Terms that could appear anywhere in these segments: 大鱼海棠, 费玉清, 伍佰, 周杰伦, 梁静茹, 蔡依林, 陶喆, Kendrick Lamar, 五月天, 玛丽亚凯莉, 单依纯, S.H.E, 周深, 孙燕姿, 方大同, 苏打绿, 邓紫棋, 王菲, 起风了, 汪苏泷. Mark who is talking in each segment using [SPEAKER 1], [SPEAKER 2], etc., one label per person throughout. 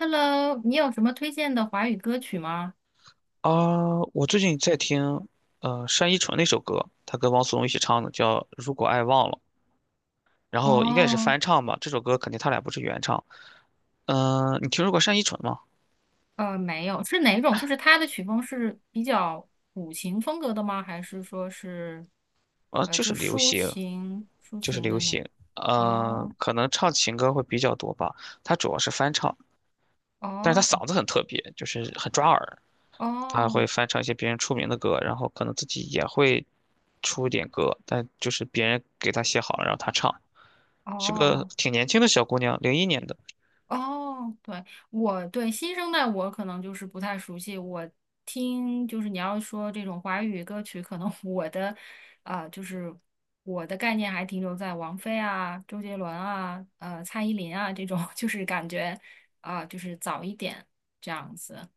[SPEAKER 1] Hello，你有什么推荐的华语歌曲吗？
[SPEAKER 2] 啊，我最近在听，单依纯那首歌，她跟汪苏泷一起唱的，叫《如果爱忘了》，然后应该也是
[SPEAKER 1] 哦，
[SPEAKER 2] 翻唱吧。这首歌肯定他俩不是原唱。嗯、你听说过单依纯吗？
[SPEAKER 1] 没有，是哪种？就是他的曲风是比较古琴风格的吗？还是说是，
[SPEAKER 2] 啊，就
[SPEAKER 1] 就
[SPEAKER 2] 是流
[SPEAKER 1] 抒
[SPEAKER 2] 行，
[SPEAKER 1] 情抒
[SPEAKER 2] 就是
[SPEAKER 1] 情
[SPEAKER 2] 流
[SPEAKER 1] 的那？
[SPEAKER 2] 行。嗯，
[SPEAKER 1] 哦
[SPEAKER 2] 可能唱情歌会比较多吧。她主要是翻唱，但是她
[SPEAKER 1] 哦
[SPEAKER 2] 嗓子很特别，就是很抓耳。她
[SPEAKER 1] 哦
[SPEAKER 2] 会翻唱一些别人出名的歌，然后可能自己也会出一点歌，但就是别人给她写好了然后她唱。是个
[SPEAKER 1] 哦，
[SPEAKER 2] 挺年轻的小姑娘，零一年的。
[SPEAKER 1] 哦，对，我对新生代我可能就是不太熟悉，我听就是你要说这种华语歌曲，可能 我的啊、就是我的概念还停留在王菲啊、周杰伦啊、蔡依林啊这种，就是感觉就是早一点这样子。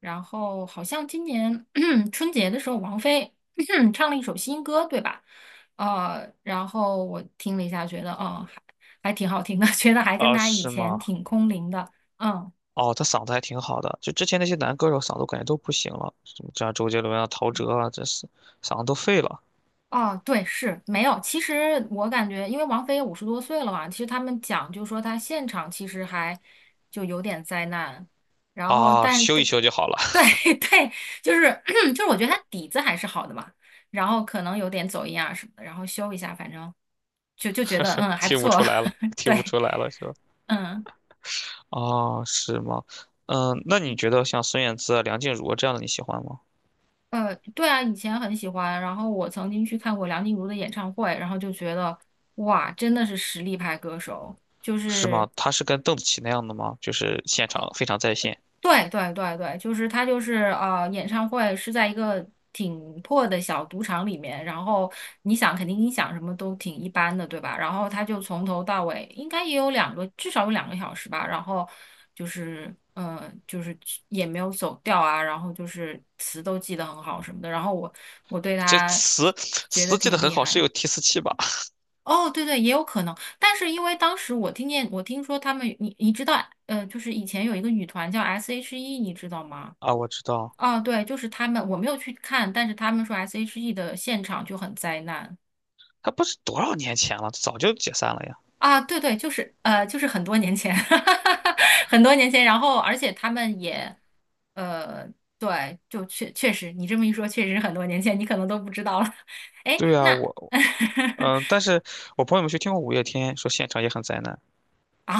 [SPEAKER 1] 然后好像今年 春节的时候，王菲 唱了一首新歌，对吧？然后我听了一下，觉得嗯。还挺好听的，觉得还跟
[SPEAKER 2] 啊，
[SPEAKER 1] 他以
[SPEAKER 2] 是
[SPEAKER 1] 前
[SPEAKER 2] 吗？
[SPEAKER 1] 挺空灵的。嗯，
[SPEAKER 2] 哦，他嗓子还挺好的，就之前那些男歌手嗓子我感觉都不行了，什么像周杰伦啊、陶喆啊，这是嗓子都废了
[SPEAKER 1] 哦，对，是没有。其实我感觉，因为王菲也五十多岁了嘛，其实他们讲就说她现场其实还就有点灾难，然后
[SPEAKER 2] 啊，
[SPEAKER 1] 但
[SPEAKER 2] 修一
[SPEAKER 1] 但
[SPEAKER 2] 修就好了，
[SPEAKER 1] 对 对，就是 就是我觉得她底子还是好的嘛，然后可能有点走音啊什么的，然后修一下，反正就觉得嗯还不
[SPEAKER 2] 听不
[SPEAKER 1] 错，
[SPEAKER 2] 出来了，听不
[SPEAKER 1] 对，
[SPEAKER 2] 出来了是吧？
[SPEAKER 1] 嗯。
[SPEAKER 2] 哦，是吗？嗯，那你觉得像孙燕姿啊、梁静茹啊这样的你喜欢吗？
[SPEAKER 1] 对啊，以前很喜欢，然后我曾经去看过梁静茹的演唱会，然后就觉得哇，真的是实力派歌手，就
[SPEAKER 2] 是
[SPEAKER 1] 是
[SPEAKER 2] 吗？他是跟邓紫棋那样的吗？就是现场非常在线，
[SPEAKER 1] 对对对对，就是他就是演唱会是在一个挺破的小赌场里面，然后你想肯定音响什么都挺一般的，对吧？然后他就从头到尾应该也有两个，至少有两个小时吧。然后就是嗯，就是也没有走调啊，然后就是词都记得很好什么的。然后我对
[SPEAKER 2] 这
[SPEAKER 1] 他
[SPEAKER 2] 词
[SPEAKER 1] 觉得
[SPEAKER 2] 记得
[SPEAKER 1] 挺
[SPEAKER 2] 很
[SPEAKER 1] 厉
[SPEAKER 2] 好，
[SPEAKER 1] 害
[SPEAKER 2] 是
[SPEAKER 1] 的。
[SPEAKER 2] 有提词器吧？
[SPEAKER 1] 哦，对对，也有可能，但是因为当时我听见，我听说他们，你知道，就是以前有一个女团叫 S.H.E，你知道 吗？
[SPEAKER 2] 啊，我知道，
[SPEAKER 1] 哦，对，就是他们，我没有去看，但是他们说 S.H.E 的现场就很灾难
[SPEAKER 2] 他不是多少年前了，早就解散了呀。
[SPEAKER 1] 啊，对对，就是就是很多年前，很多年前，然后而且他们也，呃，对，就确实，你这么一说，确实很多年前，你可能都不知道了，哎，
[SPEAKER 2] 对啊，
[SPEAKER 1] 那
[SPEAKER 2] 我，嗯、但是我朋友们去听过五月天，说现场也很灾难。
[SPEAKER 1] 啊，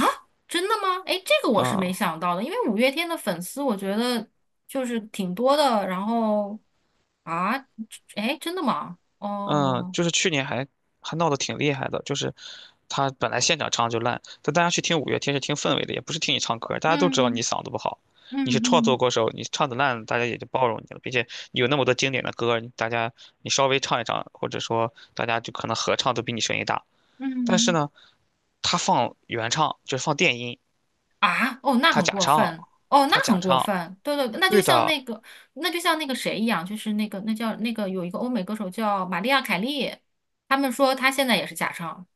[SPEAKER 1] 真的吗？哎，这个我是
[SPEAKER 2] 嗯
[SPEAKER 1] 没想到的，因为五月天的粉丝我觉得就是挺多的。然后啊，哎，真的吗？
[SPEAKER 2] 嗯，
[SPEAKER 1] 哦，
[SPEAKER 2] 就是去年还闹得挺厉害的，就是他本来现场唱就烂，但大家去听五月天是听氛围的，也不是听你唱歌，大家都知道
[SPEAKER 1] 嗯
[SPEAKER 2] 你嗓子不好，你
[SPEAKER 1] 嗯
[SPEAKER 2] 是创作
[SPEAKER 1] 嗯
[SPEAKER 2] 歌手，你唱的烂，大家也就包容你了，并且你有那么多经典的歌，你大家你稍微唱一唱，或者说大家就可能合唱都比你声音大。但是
[SPEAKER 1] 嗯，
[SPEAKER 2] 呢，他放原唱，就是放电音，
[SPEAKER 1] 啊，哦，那
[SPEAKER 2] 他
[SPEAKER 1] 很
[SPEAKER 2] 假
[SPEAKER 1] 过
[SPEAKER 2] 唱，
[SPEAKER 1] 分，哦，那
[SPEAKER 2] 他假
[SPEAKER 1] 很过
[SPEAKER 2] 唱，
[SPEAKER 1] 分。对对，那就
[SPEAKER 2] 对
[SPEAKER 1] 像
[SPEAKER 2] 的，
[SPEAKER 1] 那个，那就像那个谁一样，就是那个那叫那个有一个欧美歌手叫玛丽亚凯莉，他们说他现在也是假唱。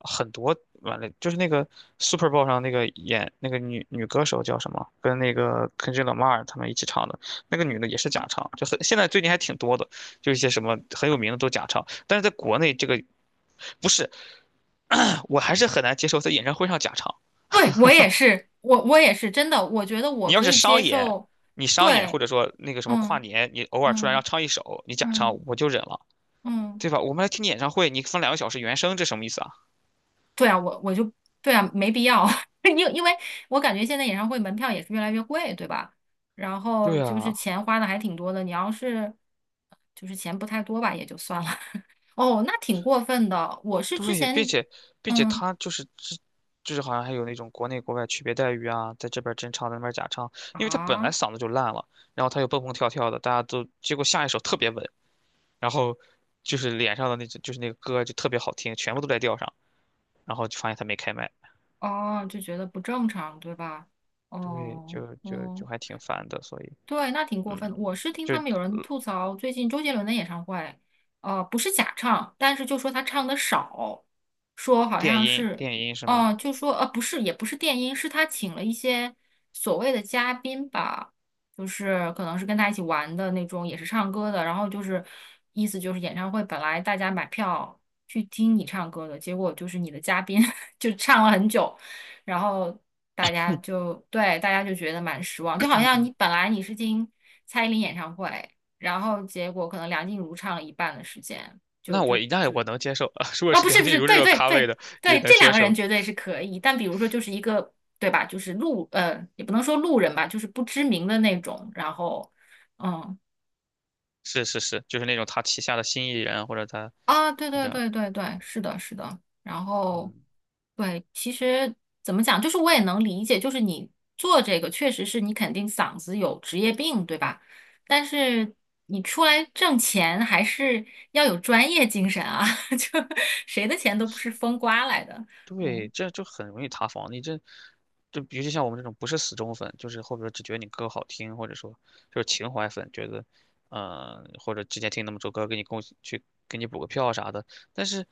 [SPEAKER 2] 很多完了，就是那个 Super Bowl 上那个演那个女歌手叫什么，跟那个 Kendrick Lamar 他们一起唱的，那个女的也是假唱，就很现在最近还挺多的，就一些什么很有名的都假唱，但是在国内这个不是，我还是很难接受在演唱会上假唱。
[SPEAKER 1] 对，我也是，我也是，真的，我觉得我
[SPEAKER 2] 你要
[SPEAKER 1] 可
[SPEAKER 2] 是
[SPEAKER 1] 以接
[SPEAKER 2] 商演，
[SPEAKER 1] 受。
[SPEAKER 2] 你商演或
[SPEAKER 1] 对，
[SPEAKER 2] 者说那个什么跨
[SPEAKER 1] 嗯。
[SPEAKER 2] 年，你偶尔出来让
[SPEAKER 1] 嗯
[SPEAKER 2] 唱一首，你假唱
[SPEAKER 1] 嗯
[SPEAKER 2] 我就忍了，
[SPEAKER 1] 嗯，
[SPEAKER 2] 对吧？我们来听你演唱会，你放两个小时原声，这什么意思啊？
[SPEAKER 1] 对啊，我就对啊，没必要，因为我感觉现在演唱会门票也是越来越贵，对吧？然后
[SPEAKER 2] 对
[SPEAKER 1] 就是
[SPEAKER 2] 啊。
[SPEAKER 1] 钱花的还挺多的，你要是就是钱不太多吧，也就算了。哦，那挺过分的。我是之
[SPEAKER 2] 对，并
[SPEAKER 1] 前
[SPEAKER 2] 且并且
[SPEAKER 1] 嗯
[SPEAKER 2] 他就是之，就是好像还有那种国内国外区别待遇啊，在这边儿真唱，在那边儿假唱，因为他本来
[SPEAKER 1] 啊
[SPEAKER 2] 嗓子就烂了，然后他又蹦蹦跳跳的，大家都结果下一首特别稳，然后就是脸上的那只就是那个歌就特别好听，全部都在调上，然后就发现他没开麦，
[SPEAKER 1] 哦就觉得不正常，对吧？
[SPEAKER 2] 对，
[SPEAKER 1] 哦
[SPEAKER 2] 就
[SPEAKER 1] 嗯。
[SPEAKER 2] 还挺烦的，所以
[SPEAKER 1] 对，那挺过
[SPEAKER 2] 嗯，
[SPEAKER 1] 分的。我是听
[SPEAKER 2] 就
[SPEAKER 1] 他们有人吐槽，最近周杰伦的演唱会，不是假唱，但是就说他唱的少，说好
[SPEAKER 2] 电
[SPEAKER 1] 像
[SPEAKER 2] 音
[SPEAKER 1] 是，
[SPEAKER 2] 电音是吗？
[SPEAKER 1] 哦、就说不是，也不是电音，是他请了一些所谓的嘉宾吧，就是可能是跟他一起玩的那种，也是唱歌的，然后就是意思就是演唱会本来大家买票去听你唱歌的，结果就是你的嘉宾 就唱了很久，然后大家就对大家就觉得蛮失望，就好像你本来你是听蔡依林演唱会，然后结果可能梁静茹唱了一半的时间，
[SPEAKER 2] 那我能接受，如果
[SPEAKER 1] 啊、
[SPEAKER 2] 是
[SPEAKER 1] 不是
[SPEAKER 2] 梁
[SPEAKER 1] 不
[SPEAKER 2] 静
[SPEAKER 1] 是，
[SPEAKER 2] 茹这
[SPEAKER 1] 对
[SPEAKER 2] 种
[SPEAKER 1] 对
[SPEAKER 2] 咖位
[SPEAKER 1] 对
[SPEAKER 2] 的也
[SPEAKER 1] 对，
[SPEAKER 2] 能
[SPEAKER 1] 这两
[SPEAKER 2] 接
[SPEAKER 1] 个人
[SPEAKER 2] 受，
[SPEAKER 1] 绝对是可以，但比如说就是一个对吧，就是路也不能说路人吧，就是不知名的那种，然后嗯。
[SPEAKER 2] 是是是，就是那种他旗下的新艺人或者他
[SPEAKER 1] 啊，对对
[SPEAKER 2] 这样，
[SPEAKER 1] 对对对，是的，是的。然后，
[SPEAKER 2] 嗯，
[SPEAKER 1] 对，其实怎么讲，就是我也能理解，就是你做这个确实是你肯定嗓子有职业病，对吧？但是你出来挣钱还是要有专业精神啊，就谁的钱都不是风刮来的。
[SPEAKER 2] 对，
[SPEAKER 1] 嗯，
[SPEAKER 2] 这就很容易塌房。你这，就尤其像我们这种不是死忠粉，就是后边只觉得你歌好听，或者说就是情怀粉，觉得，嗯，或者之前听那么首歌，给你贡去给你补个票啥的。但是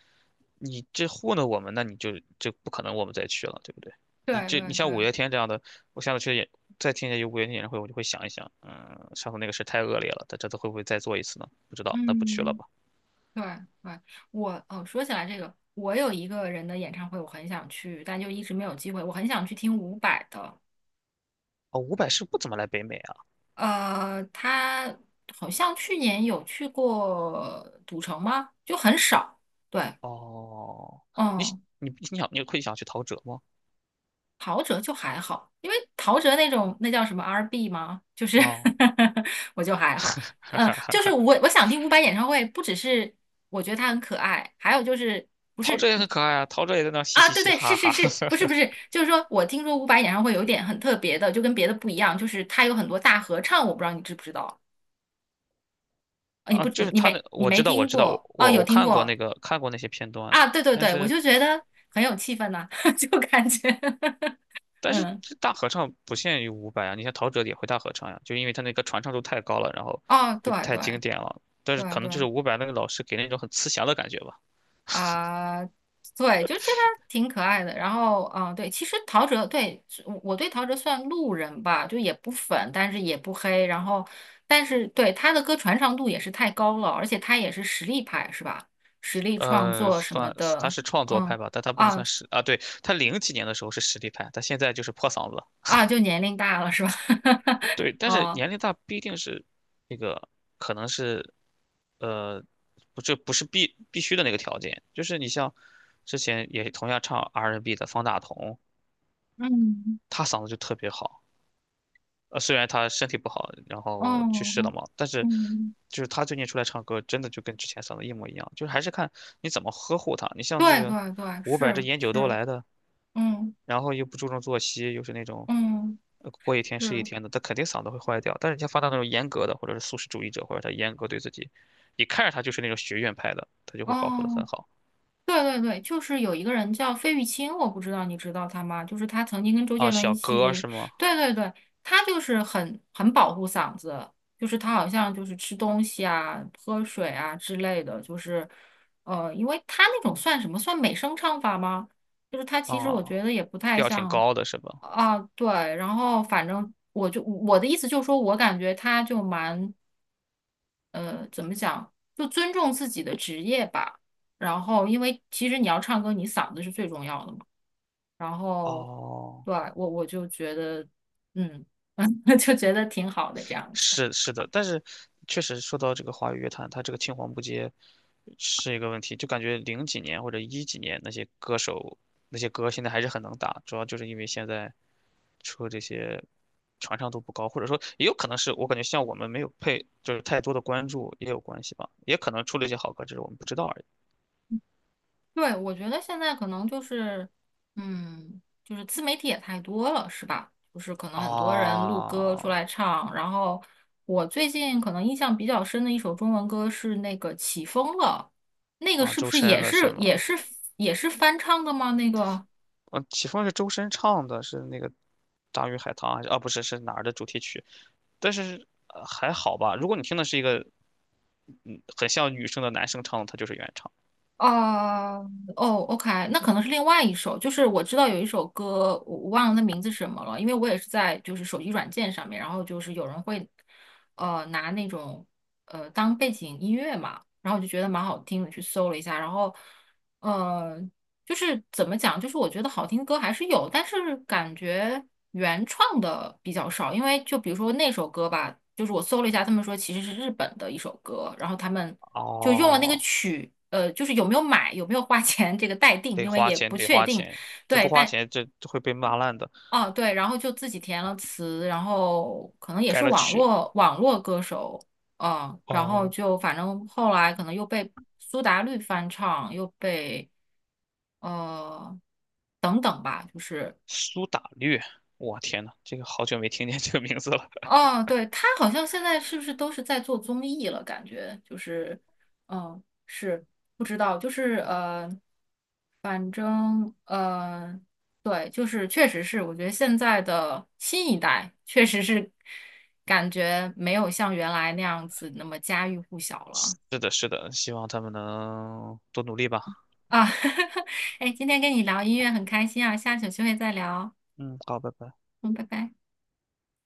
[SPEAKER 2] 你这糊弄我们，那你就就不可能我们再去了，对不对？你
[SPEAKER 1] 对
[SPEAKER 2] 这你
[SPEAKER 1] 对
[SPEAKER 2] 像五
[SPEAKER 1] 对，
[SPEAKER 2] 月天这样的，我下次去演再听一下有五月天演唱会，我就会想一想，嗯，上次那个事太恶劣了，他这次会不会再做一次呢？不知道，那不去了
[SPEAKER 1] 嗯，
[SPEAKER 2] 吧。
[SPEAKER 1] 对对。我哦，说起来这个，我有一个人的演唱会，我很想去，但就一直没有机会。我很想去听伍佰的。
[SPEAKER 2] 哦，伍佰是不怎么来北美啊。
[SPEAKER 1] 他好像去年有去过赌城吗？就很少。对，
[SPEAKER 2] 哦，你
[SPEAKER 1] 嗯，
[SPEAKER 2] 你想你会想去陶喆吗？
[SPEAKER 1] 陶喆就还好，因为陶喆那种那叫什么 R&B 吗？就是
[SPEAKER 2] 啊、
[SPEAKER 1] 我就还好。嗯，就是我想听伍佰演唱会，不只是我觉得他很可爱，还有就是
[SPEAKER 2] 陶喆也很可爱啊，陶喆也在那儿嘻
[SPEAKER 1] 啊，
[SPEAKER 2] 嘻
[SPEAKER 1] 对
[SPEAKER 2] 嘻
[SPEAKER 1] 对，是
[SPEAKER 2] 哈
[SPEAKER 1] 是
[SPEAKER 2] 哈
[SPEAKER 1] 是，不是不是，就是说我听说伍佰演唱会有点很特别的，就跟别的不一样，就是他有很多大合唱，我不知道你知不知道。你
[SPEAKER 2] 啊，
[SPEAKER 1] 不，
[SPEAKER 2] 就是
[SPEAKER 1] 你
[SPEAKER 2] 他那
[SPEAKER 1] 没，你
[SPEAKER 2] 我
[SPEAKER 1] 没
[SPEAKER 2] 知道我
[SPEAKER 1] 听
[SPEAKER 2] 知道我
[SPEAKER 1] 过哦？
[SPEAKER 2] 我
[SPEAKER 1] 有
[SPEAKER 2] 我
[SPEAKER 1] 听
[SPEAKER 2] 看过那
[SPEAKER 1] 过
[SPEAKER 2] 个看过那些片段，
[SPEAKER 1] 啊，对对
[SPEAKER 2] 但
[SPEAKER 1] 对，我
[SPEAKER 2] 是
[SPEAKER 1] 就觉得很有气氛呐、就感觉
[SPEAKER 2] 但是
[SPEAKER 1] 嗯，
[SPEAKER 2] 这大合唱不限于伍佰啊，你像陶喆也会大合唱呀、就因为他那个传唱度太高了，然后
[SPEAKER 1] 哦，
[SPEAKER 2] 就
[SPEAKER 1] 对
[SPEAKER 2] 太
[SPEAKER 1] 对
[SPEAKER 2] 经典了。但是
[SPEAKER 1] 对
[SPEAKER 2] 可能就是
[SPEAKER 1] 对
[SPEAKER 2] 伍佰那个老师给那种很慈祥的感觉吧。
[SPEAKER 1] 啊、对，就觉得挺可爱的。然后，啊，对，其实陶喆，对，我对陶喆算路人吧，就也不粉，但是也不黑。然后，但是对他的歌传唱度也是太高了，而且他也是实力派，是吧？实力创作什么
[SPEAKER 2] 算他
[SPEAKER 1] 的，
[SPEAKER 2] 是创作
[SPEAKER 1] 嗯
[SPEAKER 2] 派吧，但他不能
[SPEAKER 1] 啊
[SPEAKER 2] 算实啊。对，他零几年的时候是实力派，他现在就是破嗓子。
[SPEAKER 1] 啊，就年龄大了是吧？
[SPEAKER 2] 对，但是
[SPEAKER 1] 哦，
[SPEAKER 2] 年龄大不一定是那个，可能是，呃，不，这不是必须的那个条件。就是你像之前也同样唱 R&B n 的方大同，
[SPEAKER 1] 嗯，
[SPEAKER 2] 他嗓子就特别好。呃，虽然他身体不好，然后去世了
[SPEAKER 1] 嗯
[SPEAKER 2] 嘛，但是
[SPEAKER 1] 嗯，
[SPEAKER 2] 就是他最近出来唱歌，真的就跟之前嗓子一模一样。就是还是看你怎么呵护他。你像这
[SPEAKER 1] 对
[SPEAKER 2] 个
[SPEAKER 1] 对对，
[SPEAKER 2] 伍佰这
[SPEAKER 1] 是
[SPEAKER 2] 烟酒都
[SPEAKER 1] 是，
[SPEAKER 2] 来的，
[SPEAKER 1] 嗯
[SPEAKER 2] 然后又不注重作息，又是那种
[SPEAKER 1] 嗯
[SPEAKER 2] 呃过一天是一
[SPEAKER 1] 是，
[SPEAKER 2] 天的，他肯定嗓子会坏掉。但是人家发到那种严格的，或者是素食主义者，或者他严格对自己，你看着他就是那种学院派的，他就会保护的很
[SPEAKER 1] 哦，
[SPEAKER 2] 好
[SPEAKER 1] 对对对，就是有一个人叫费玉清，我不知道你知道他吗？就是他曾经跟周
[SPEAKER 2] 啊。
[SPEAKER 1] 杰伦一
[SPEAKER 2] 小哥
[SPEAKER 1] 起，
[SPEAKER 2] 是吗？
[SPEAKER 1] 对对对，他就是很保护嗓子，就是他好像就是吃东西啊、喝水啊之类的，就是因为他那种算什么？算美声唱法吗？就是他其实
[SPEAKER 2] 啊，
[SPEAKER 1] 我觉得也不太
[SPEAKER 2] 调挺
[SPEAKER 1] 像。
[SPEAKER 2] 高的是吧？
[SPEAKER 1] 啊，对，然后反正我就我的意思就是说，我感觉他就蛮怎么讲，就尊重自己的职业吧。然后，因为其实你要唱歌，你嗓子是最重要的嘛。然后，
[SPEAKER 2] 哦。
[SPEAKER 1] 对，我就觉得，嗯，就觉得挺好的这样子。
[SPEAKER 2] 是是的，但是确实说到这个华语乐坛，它这个青黄不接是一个问题，就感觉零几年或者一几年那些歌手那些歌现在还是很能打，主要就是因为现在出这些传唱度不高，或者说也有可能是我感觉像我们没有配就是太多的关注也有关系吧，也可能出了一些好歌，只是我们不知道而已。
[SPEAKER 1] 对，我觉得现在可能就是，嗯，就是自媒体也太多了，是吧？就是可能很多人录歌出
[SPEAKER 2] 啊
[SPEAKER 1] 来唱，然后我最近可能印象比较深的一首中文歌是那个《起风了》，那个
[SPEAKER 2] 啊，
[SPEAKER 1] 是不
[SPEAKER 2] 周
[SPEAKER 1] 是
[SPEAKER 2] 深
[SPEAKER 1] 也
[SPEAKER 2] 的是
[SPEAKER 1] 是
[SPEAKER 2] 吗？
[SPEAKER 1] 也是也是翻唱的吗？那个
[SPEAKER 2] 嗯，起风是周深唱的，是那个《大鱼海棠》还是啊？不是，是哪儿的主题曲？但是呃还好吧。如果你听的是一个，嗯，很像女生的男生唱的，他就是原唱。
[SPEAKER 1] 哦哦，OK，那可能是另外一首，就是我知道有一首歌，我忘了那名字是什么了，因为我也是在就是手机软件上面，然后就是有人会拿那种当背景音乐嘛，然后我就觉得蛮好听的，去搜了一下，然后呃就是怎么讲，就是我觉得好听歌还是有，但是感觉原创的比较少，因为就比如说那首歌吧，就是我搜了一下，他们说其实是日本的一首歌，然后他们就用了那个
[SPEAKER 2] 哦，
[SPEAKER 1] 曲，就是有没有买，有没有花钱这个待定，
[SPEAKER 2] 得
[SPEAKER 1] 因为
[SPEAKER 2] 花
[SPEAKER 1] 也
[SPEAKER 2] 钱，
[SPEAKER 1] 不
[SPEAKER 2] 得
[SPEAKER 1] 确
[SPEAKER 2] 花
[SPEAKER 1] 定。
[SPEAKER 2] 钱，这
[SPEAKER 1] 对，
[SPEAKER 2] 不花
[SPEAKER 1] 但
[SPEAKER 2] 钱，这这会被骂烂的。
[SPEAKER 1] 哦对，然后就自己填了词，然后可能也
[SPEAKER 2] 改
[SPEAKER 1] 是
[SPEAKER 2] 了
[SPEAKER 1] 网
[SPEAKER 2] 曲，
[SPEAKER 1] 络网络歌手，嗯，然后
[SPEAKER 2] 哦，
[SPEAKER 1] 就反正后来可能又被苏打绿翻唱，又被呃等等吧，就是。
[SPEAKER 2] 苏打绿，我天呐，这个好久没听见这个名字了。
[SPEAKER 1] 哦，对，他好像现在是不是都是在做综艺了？感觉就是，嗯，是不知道，就是呃，反正呃，对，就是确实是，我觉得现在的新一代确实是感觉没有像原来那样子那么家喻户晓了
[SPEAKER 2] 是的，是的，希望他们能多努力吧。
[SPEAKER 1] 啊。哎，今天跟你聊音乐很开心啊，下次有机会再聊，
[SPEAKER 2] 嗯，好，拜拜。
[SPEAKER 1] 嗯，拜拜。